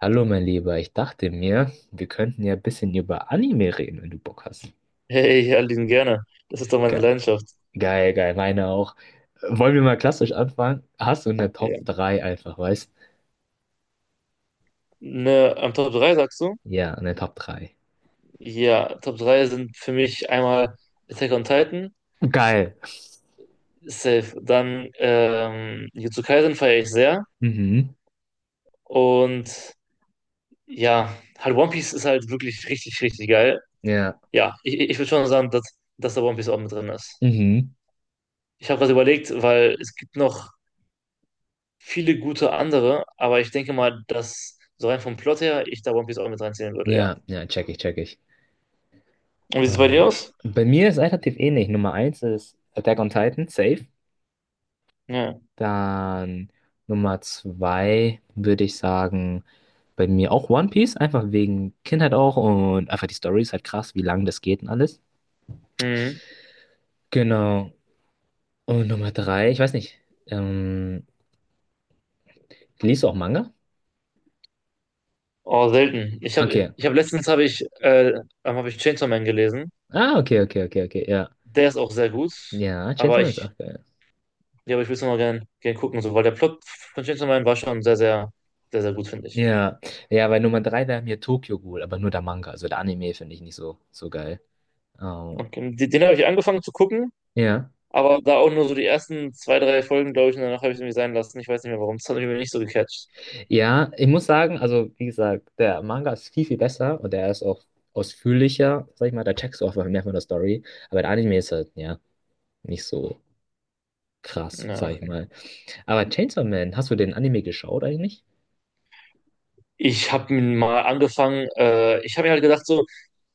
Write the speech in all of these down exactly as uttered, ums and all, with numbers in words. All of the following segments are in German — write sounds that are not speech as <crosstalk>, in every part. Hallo, mein Lieber, ich dachte mir, wir könnten ja ein bisschen über Anime reden, wenn du Bock hast. Hey, Aline, gerne. Das ist doch meine Geil, Leidenschaft. geil, geil, meine auch. Äh, Wollen wir mal klassisch anfangen? Hast du eine Ja. Top drei einfach, weißt? Ne, am Top drei sagst du? Ja, eine Top drei. Ja, Top drei sind für mich einmal Attack on Titan, Geil. safe. Dann ähm, Jujutsu Kaisen feiere ich sehr. Mhm. Und ja, halt One Piece ist halt wirklich richtig, richtig geil. Ja. Ja, ich, ich würde schon sagen, dass, dass da One Piece auch mit drin ist. Mhm. Ich habe was überlegt, weil es gibt noch viele gute andere, aber ich denke mal, dass so rein vom Plot her ich da One Piece auch mit reinziehen würde, ja. Ja, ja, check ich, check ich. Und wie sieht es bei Äh, dir aus? bei mir ist relativ ähnlich. Nummer eins ist Attack on Titan, safe. Ja. Dann Nummer zwei würde ich sagen, bei mir auch One Piece, einfach wegen Kindheit auch und einfach die Story ist halt krass, wie lang das geht und alles. Mhm. Genau. Und Nummer drei, ich weiß nicht, ähm, liest du auch Manga? Oh, selten. Ich habe Okay. ich hab letztens habe ich, äh, ähm, hab ich Chainsaw Man gelesen. Ah, okay, okay, okay, okay, ja. Der ist auch sehr gut, Ja, Chainsaw aber Man ist ich, auch geil. ja, aber ich will es noch gern, gern gucken, so, weil der Plot von Chainsaw Man war schon sehr, sehr, sehr, sehr gut, finde ich. Ja, ja, bei Nummer drei wäre mir Tokyo Ghoul, aber nur der Manga, also der Anime finde ich nicht so, so geil. Oh, Okay. Den, den habe ich angefangen zu gucken, ja. aber da auch nur so die ersten zwei, drei Folgen, glaube ich, und danach habe ich es irgendwie sein lassen. Ich weiß nicht mehr warum. Das hat mich irgendwie nicht so gecatcht. Ja, ich muss sagen, also wie gesagt, der Manga ist viel, viel besser und der ist auch ausführlicher, sag ich mal, da checkst du auch mehr von der Story, aber der Anime ist halt, ja, nicht so krass, Ja, sag ich okay. mal. Aber Chainsaw Man, hast du den Anime geschaut eigentlich? Ich habe mal angefangen, äh, ich habe mir halt gedacht, so,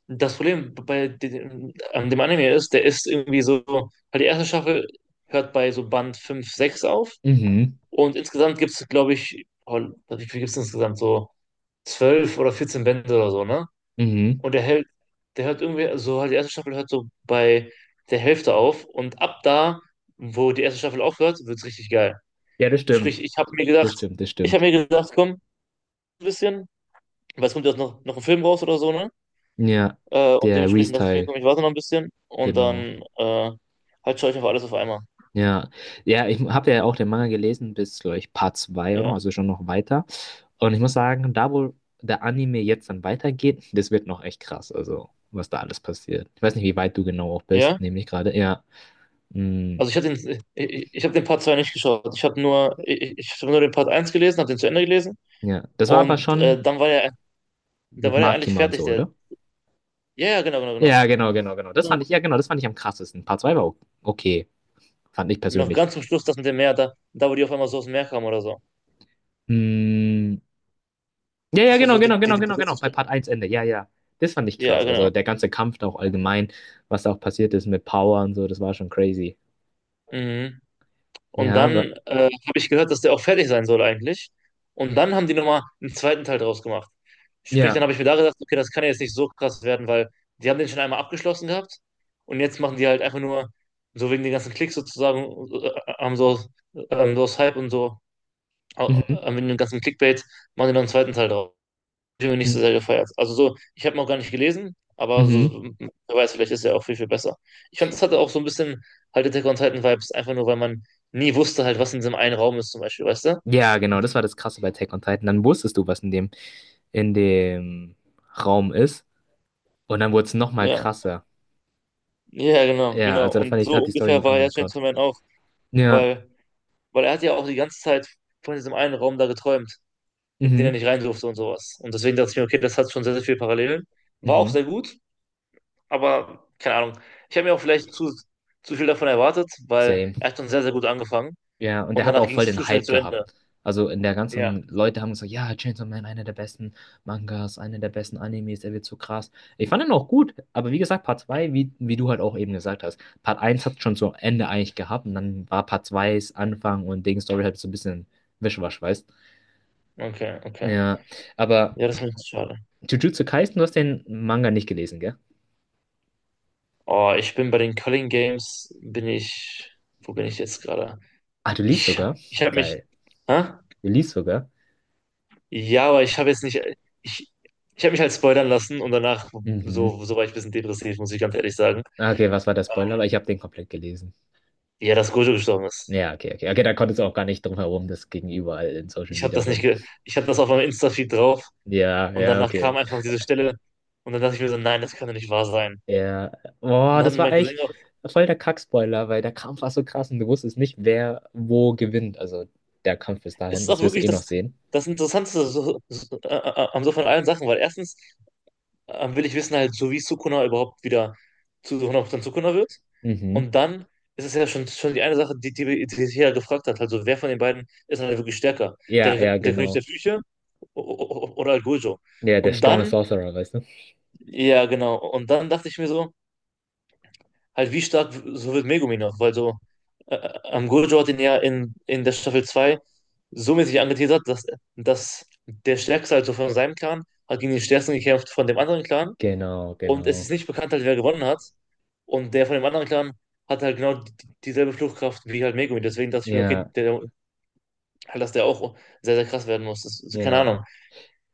das Problem bei dem, an dem Anime ist, der ist irgendwie so, weil die erste Staffel hört bei so Band fünf sechs auf Mhm, und insgesamt gibt es, glaube ich, oh, wie viel gibt es insgesamt? So zwölf oder vierzehn Bände oder so, ne? mhm. Und der hält, der hört irgendwie, so halt die erste Staffel hört so bei der Hälfte auf und ab da, wo die erste Staffel aufhört, wird es richtig geil. Ja, das stimmt, Sprich, ich habe mir das gedacht, stimmt, das ich habe stimmt. mir gedacht, komm, ein bisschen, weil es kommt ja noch, noch ein Film raus oder so, ne? Ja, Äh, und der dementsprechend dachte ich mir, Re-Teil, komm, ich warte noch ein bisschen und genau. dann äh, halt schaue ich auf alles auf einmal. Ja, ja, ich habe ja auch den Manga gelesen bis, glaube ich, Part zwei oder noch, Ja. also schon noch weiter. Und ich muss sagen, da wo der Anime jetzt dann weitergeht, das wird noch echt krass, also was da alles passiert. Ich weiß nicht, wie weit du genau auch bist, Ja? nämlich gerade. Ja, mm, Also ich habe den, ich, ich habe den Part zwei nicht geschaut. Ich habe nur, ich, ich habe nur den Part eins gelesen, habe den zu Ende gelesen ja, das war aber und äh, schon dann war er, da mit war er eigentlich Makima und fertig, so, der. oder? Ja, ja, genau, genau, genau. Ja, genau, genau, genau. Das fand Genau. ich, ja, genau, das fand ich am krassesten. Part zwei war o- okay, fand ich Noch persönlich. ganz zum Schluss das mit dem Meer, da, da wo die auf einmal so aus dem Meer kamen oder so. Mm, ja, ja, Das war genau, so die, genau, die, genau, die genau, genau. letzte Bei Stelle. Part eins Ende. Ja, ja. Das fand ich Ja, krass. Also genau. der ganze Kampf da auch allgemein, was da auch passiert ist mit Power und so, das war schon crazy. Mhm. Und Ja, dann aber. äh, habe ich gehört, dass der auch fertig sein soll eigentlich. Und dann haben die nochmal einen zweiten Teil draus gemacht. Sprich, dann Ja. habe ich mir da gedacht, okay, das kann ja jetzt nicht so krass werden, weil die haben den schon einmal abgeschlossen gehabt und jetzt machen die halt einfach nur so wegen den ganzen Klicks sozusagen, äh, haben so, ähm, so aus Hype und so, äh, Mhm. äh, wegen dem ganzen Clickbait, machen die noch einen zweiten Teil draus, den du nicht so Mhm. sehr gefeiert. Also so, ich habe ihn auch gar nicht gelesen, aber so, Mhm. wer weiß, vielleicht ist er auch viel, viel besser. Ich fand, das hatte auch so ein bisschen halt Attack on Titan Vibes, einfach nur, weil man nie wusste halt, was in diesem einen Raum ist zum Beispiel, weißt du? Ja, genau, das war das Krasse bei Attack on Titan. Dann wusstest du, was in dem, in dem Raum ist. Und dann wurde es nochmal Ja, krasser. ja, genau, Ja, genau. also da fand Und ich, da so hat die Story einen ungefähr war ja anderen Plot. Gentleman auch, Ja. weil, weil er hat ja auch die ganze Zeit von diesem einen Raum da geträumt, in den er Mhm. nicht rein durfte und sowas. Und deswegen dachte ich mir, okay, das hat schon sehr, sehr viele Parallelen. War auch Mhm. sehr gut, aber keine Ahnung. Ich habe mir auch vielleicht zu, zu viel davon erwartet, weil Same. er hat schon sehr, sehr gut angefangen. Ja, und Und der hat danach auch ging voll es zu den schnell Hype zu Ende. gehabt. Also in der Ja, ganzen Leute haben gesagt, ja, Chainsaw Man, einer der besten Mangas, einer der besten Animes, der wird so krass. Ich fand ihn auch gut, aber wie gesagt, Part zwei wie, wie du halt auch eben gesagt hast, Part eins hat schon so Ende eigentlich gehabt und dann war Part zwei s Anfang und Ding Story halt so ein bisschen Wischwasch, weißt? okay, okay. Ja, aber Ja, das ist mir schade. Jujutsu Kaisen, du hast den Manga nicht gelesen, gell? Oh, ich bin bei den Köln Games, bin ich, wo bin ich jetzt gerade? Ah, du liest Ich, sogar? ich habe mich, Geil. hä? Du liest sogar? Ja, aber ich habe jetzt nicht, ich, ich habe mich halt spoilern lassen und danach, Mhm. so, so war ich ein bisschen depressiv, muss ich ganz ehrlich sagen. Okay, was war der Spoiler? Aber ich habe den komplett gelesen. Ja, dass Gojo gestorben ist. Ja, okay, okay. Okay, da konntest du auch gar nicht drum herum, das ging überall in Social Ich habe Media das nicht, rum. ge ich habe das auf meinem Insta-Feed drauf Ja, und ja, danach kam okay. einfach diese Stelle und dann dachte ich mir so, nein, das kann doch nicht wahr sein. Ja. Und Boah, dann hat das mir war mein echt Cousin, voll der Kackspoiler, weil der Kampf war so krass und du wusstest nicht, wer wo gewinnt. Also der Kampf bis es dahin, ist auch das wirst du wirklich eh noch das, sehen. das Interessanteste so, so, äh, äh, am so von allen Sachen, weil erstens ähm, will ich wissen halt, so wie Sukuna überhaupt wieder zu hundert Prozent Sukuna wird. Mhm. Und dann ist es ja schon, schon die eine Sache, die, die, die sich ja gefragt hat, also wer von den beiden ist halt wirklich stärker? Ja, Der, ja, der König genau. der Flüche o- o- oder halt Gojo? Ja, der Und Strongest dann, Sorcerer, weißt du? ja, genau, und dann dachte ich mir so, halt wie stark so wird Megumi noch, weil so äh, ähm, Gojo hat ihn ja in, in der Staffel zwei so mäßig angeteasert, dass, dass der Stärkste also von seinem Clan hat gegen den Stärksten gekämpft von dem anderen Clan Genau, und es genau. ist nicht bekannt halt, wer gewonnen hat und der von dem anderen Clan hat halt genau die- dieselbe Fluchtkraft wie halt Megumi, deswegen dachte ich mir, okay, Ja, der, halt, dass der auch sehr, sehr krass werden muss, das, keine ja. Ahnung.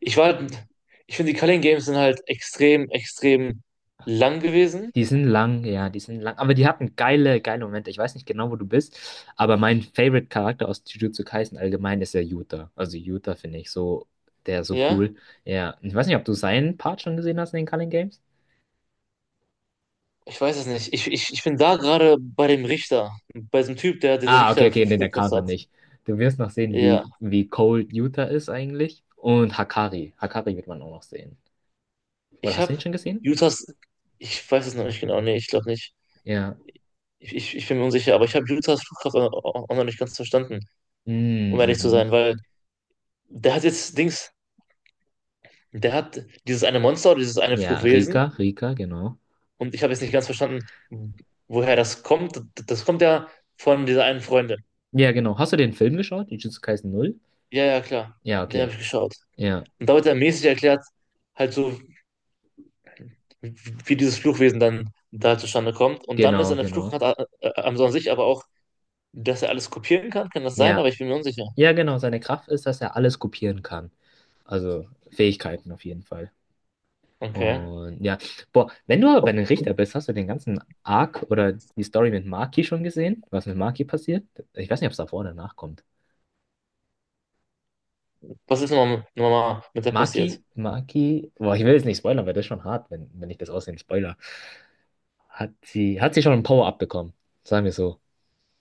Ich war halt, ich finde die Culling Games sind halt extrem, extrem lang gewesen, Die sind lang, ja, die sind lang. Aber die hatten geile, geile Momente. Ich weiß nicht genau, wo du bist, aber mein Favorite-Charakter aus Jujutsu Kaisen allgemein ist ja Yuta. Also Yuta finde ich so, der ist so ja. cool. Ja, ich weiß nicht, ob du seinen Part schon gesehen hast in den Culling Games. Ich weiß es nicht. Ich, ich, ich bin da gerade bei dem Richter, bei diesem Typ, der diese Ah, okay, okay, nee, der kam Richterflugkraft noch hat. nicht. Du wirst noch sehen, Ja, wie, wie cold Yuta ist eigentlich. Und Hakari. Hakari wird man auch noch sehen. Oder ich hast du habe ihn schon gesehen? Utahs, ich weiß es noch nicht genau, nee, ich glaube nicht. Ja. Ich, ich, ich bin mir unsicher, aber ich habe Utahs Flugkraft auch, auch noch nicht ganz verstanden, um Mm, ehrlich zu sein, mhm. weil der hat jetzt Dings, der hat dieses eine Monster oder dieses eine Ja, Fluchwesen. Rika, Rika, genau. Und ich habe jetzt nicht ganz verstanden, woher das kommt. Das kommt ja von dieser einen Freundin. Ja, genau. Hast du den Film geschaut? Jujutsu Kaisen null? Ja, ja, klar, Ja, den okay. habe ich geschaut. Ja. Und da wird er mäßig erklärt, halt so, wie, wie dieses Fluchwesen dann da zustande kommt. Und dann ist Genau, eine genau. Fluchkraft a- a- am so an sich aber auch, dass er alles kopieren kann. Kann das sein? Aber Ja. ich bin mir unsicher. Ja, genau. Seine Kraft ist, dass er alles kopieren kann. Also Fähigkeiten auf jeden Fall. Okay. Und ja, boah, wenn du aber bei den Richter bist, hast du den ganzen Arc oder die Story mit Maki schon gesehen? Was mit Maki passiert? Ich weiß nicht, ob es davor oder danach kommt. Was ist nochmal nochmal mit der passiert? Maki, Maki, boah, ich will jetzt nicht spoilern, weil das ist schon hart, wenn, wenn ich das aussehen spoiler. Hat sie, hat sie schon ein Power-Up bekommen? Sagen wir so.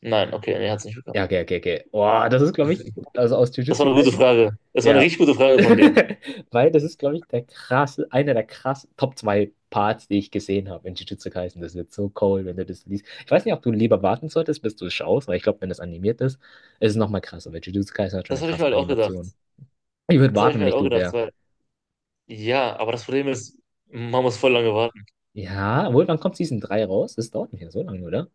Nein, okay, nee, hat es nicht bekommen. Ja, okay, okay, okay. Boah, das ist, glaube ich, also aus Das war Jujutsu eine gute Kaisen. Frage. Das war eine Ja. richtig gute <laughs> Frage von dir. Weil das ist, glaube ich, der krasse, einer der krassen Top zwei Parts, die ich gesehen habe in Jujutsu Kaisen. Das wird so cool, wenn du das liest. Ich weiß nicht, ob du lieber warten solltest, bis du es schaust, weil ich glaube, wenn das animiert ist, ist es nochmal krasser, weil Jujutsu Kaisen hat schon Das eine habe ich mir krasse halt auch gedacht. Animation. Ich würde Das habe ich warten, mir wenn halt ich auch du gedacht, wäre. weil, ja, aber das Problem ist, man muss voll lange warten. Ja, obwohl, wann kommt Season drei raus? Das dauert nicht mehr so lange, oder?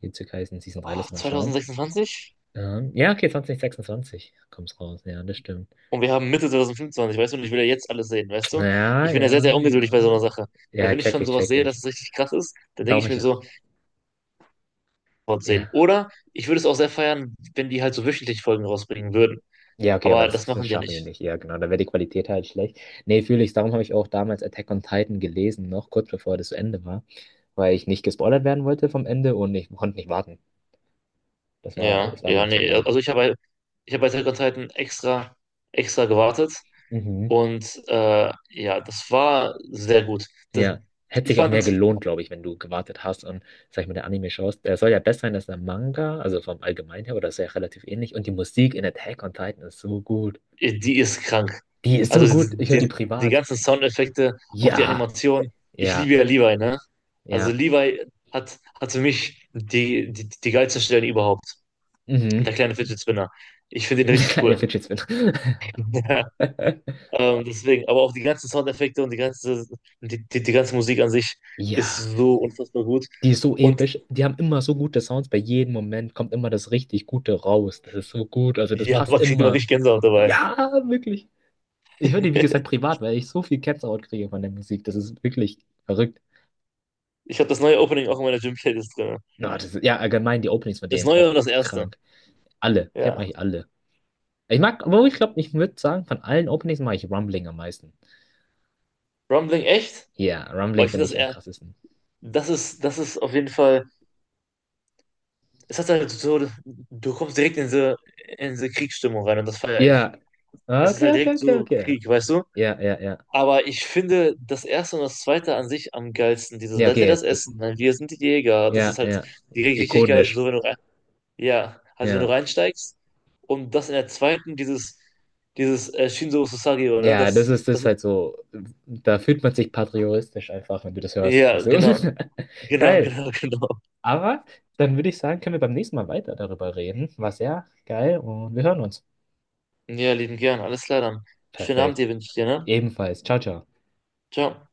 Jujutsu Kaisen Season drei, Ah, lass mal schauen. zwanzig sechsundzwanzig? Ähm, ja, okay, zwanzig sechsundzwanzig, kommt's raus. Ja, das stimmt. Und wir haben Mitte zwanzig fünfundzwanzig, weißt du, und ich will ja jetzt alles sehen, weißt du? Ja, Ich bin ja sehr, ja, sehr ungeduldig bei so ja. einer Sache. Weil Ja, wenn ich check schon ich, sowas check sehe, dass ich. es richtig krass ist, dann denke ich Dauert mir ja. so, sehen. Ja. Oder ich würde es auch sehr feiern, wenn die halt so wöchentlich Folgen rausbringen würden. Ja, okay, aber Aber das, das das machen die ja schaffen die nicht. nicht. Ja, genau. Da wäre die Qualität halt schlecht. Nee, fühle ich. Darum habe ich auch damals Attack on Titan gelesen, noch kurz bevor das zu Ende war, weil ich nicht gespoilert werden wollte vom Ende und ich konnte nicht warten. Das war, Ja, das war ja, mir zu nee. lang. Also ich habe halt, ich habe bei Attack on Titan extra, extra gewartet. Mhm. Und äh, ja, das war sehr gut. Das, Ja. Hätte ich sich auch mehr fand, gelohnt, glaube ich, wenn du gewartet hast und, sag ich mal, der Anime schaust. Der soll ja besser sein als der Manga, also vom Allgemeinen her, oder ist ja relativ ähnlich. Und die Musik in Attack on Titan ist so gut. die ist krank. Die ist Also so gut. Ich höre die die, die, privat. ganzen Soundeffekte, auch die Ja, Animation. Ich ja, liebe ja Levi, ne? Also ja. Levi hat, hat für mich die, die, die geilsten Stellen überhaupt. Der Mhm. kleine Fidget Spinner. Ich finde <laughs> ihn Der richtig kleine cool. Fidget Spinner. <laughs> <laughs> <laughs> Ähm, deswegen, aber auch die ganzen Soundeffekte und die ganze, die, die, die ganze Musik an sich ist Ja, so unfassbar gut. die ist so Und episch. Die haben immer so gute Sounds. Bei jedem Moment kommt immer das richtig Gute raus. Das ist so gut. Also das ja, passt man kriegt immer immer. richtig Gänsehaut dabei. Ja, wirklich. Ich höre die, wie gesagt, <laughs> privat, weil ich so viel Gänsehaut kriege von der Musik. Das ist wirklich verrückt. Ich habe das neue Opening auch in meiner Gym-Playlist drin. Na, das ist, ja, allgemein die Openings von Das denen neue auch und das erste. krank. Alle. Ich habe Ja. eigentlich alle. Ich mag, aber ich glaube, ich würde sagen, von allen Openings mag ich Rumbling am meisten. Rumbling, echt? Ja, Oh, Rumbling ich finde finde das ich am eher. krassesten. Das ist, das ist auf jeden Fall. Es hat halt so. Du kommst direkt in diese, in diese Kriegsstimmung rein und das feiere ich. Ja. Ah, Es ist okay, halt okay, direkt okay, so okay. Krieg, weißt du? Ja, ja, ja. Aber ich finde das erste und das zweite an sich am geilsten. Dieses, Ja, seid ihr das okay. Das, Essen? Nein, wir sind die Jäger. Das ist ja, halt ja. direkt richtig geil. Also Ikonisch. so, wenn du rein, ja, also wenn du Ja, reinsteigst und das in der zweiten, dieses, dieses äh, Shinzo Susagio, ne? ja, das Das, ist das das, ist halt so. Da fühlt man sich patriotisch einfach, wenn du das hörst. Weißt ja, genau, du? <laughs> <laughs> genau, Geil. genau, genau. Aber dann würde ich sagen, können wir beim nächsten Mal weiter darüber reden. War sehr geil und wir hören uns. Ja, lieben gern. Alles klar dann. Schönen Abend Perfekt. dir wünsche ich dir, ne? Ebenfalls. Ciao, ciao. Ciao.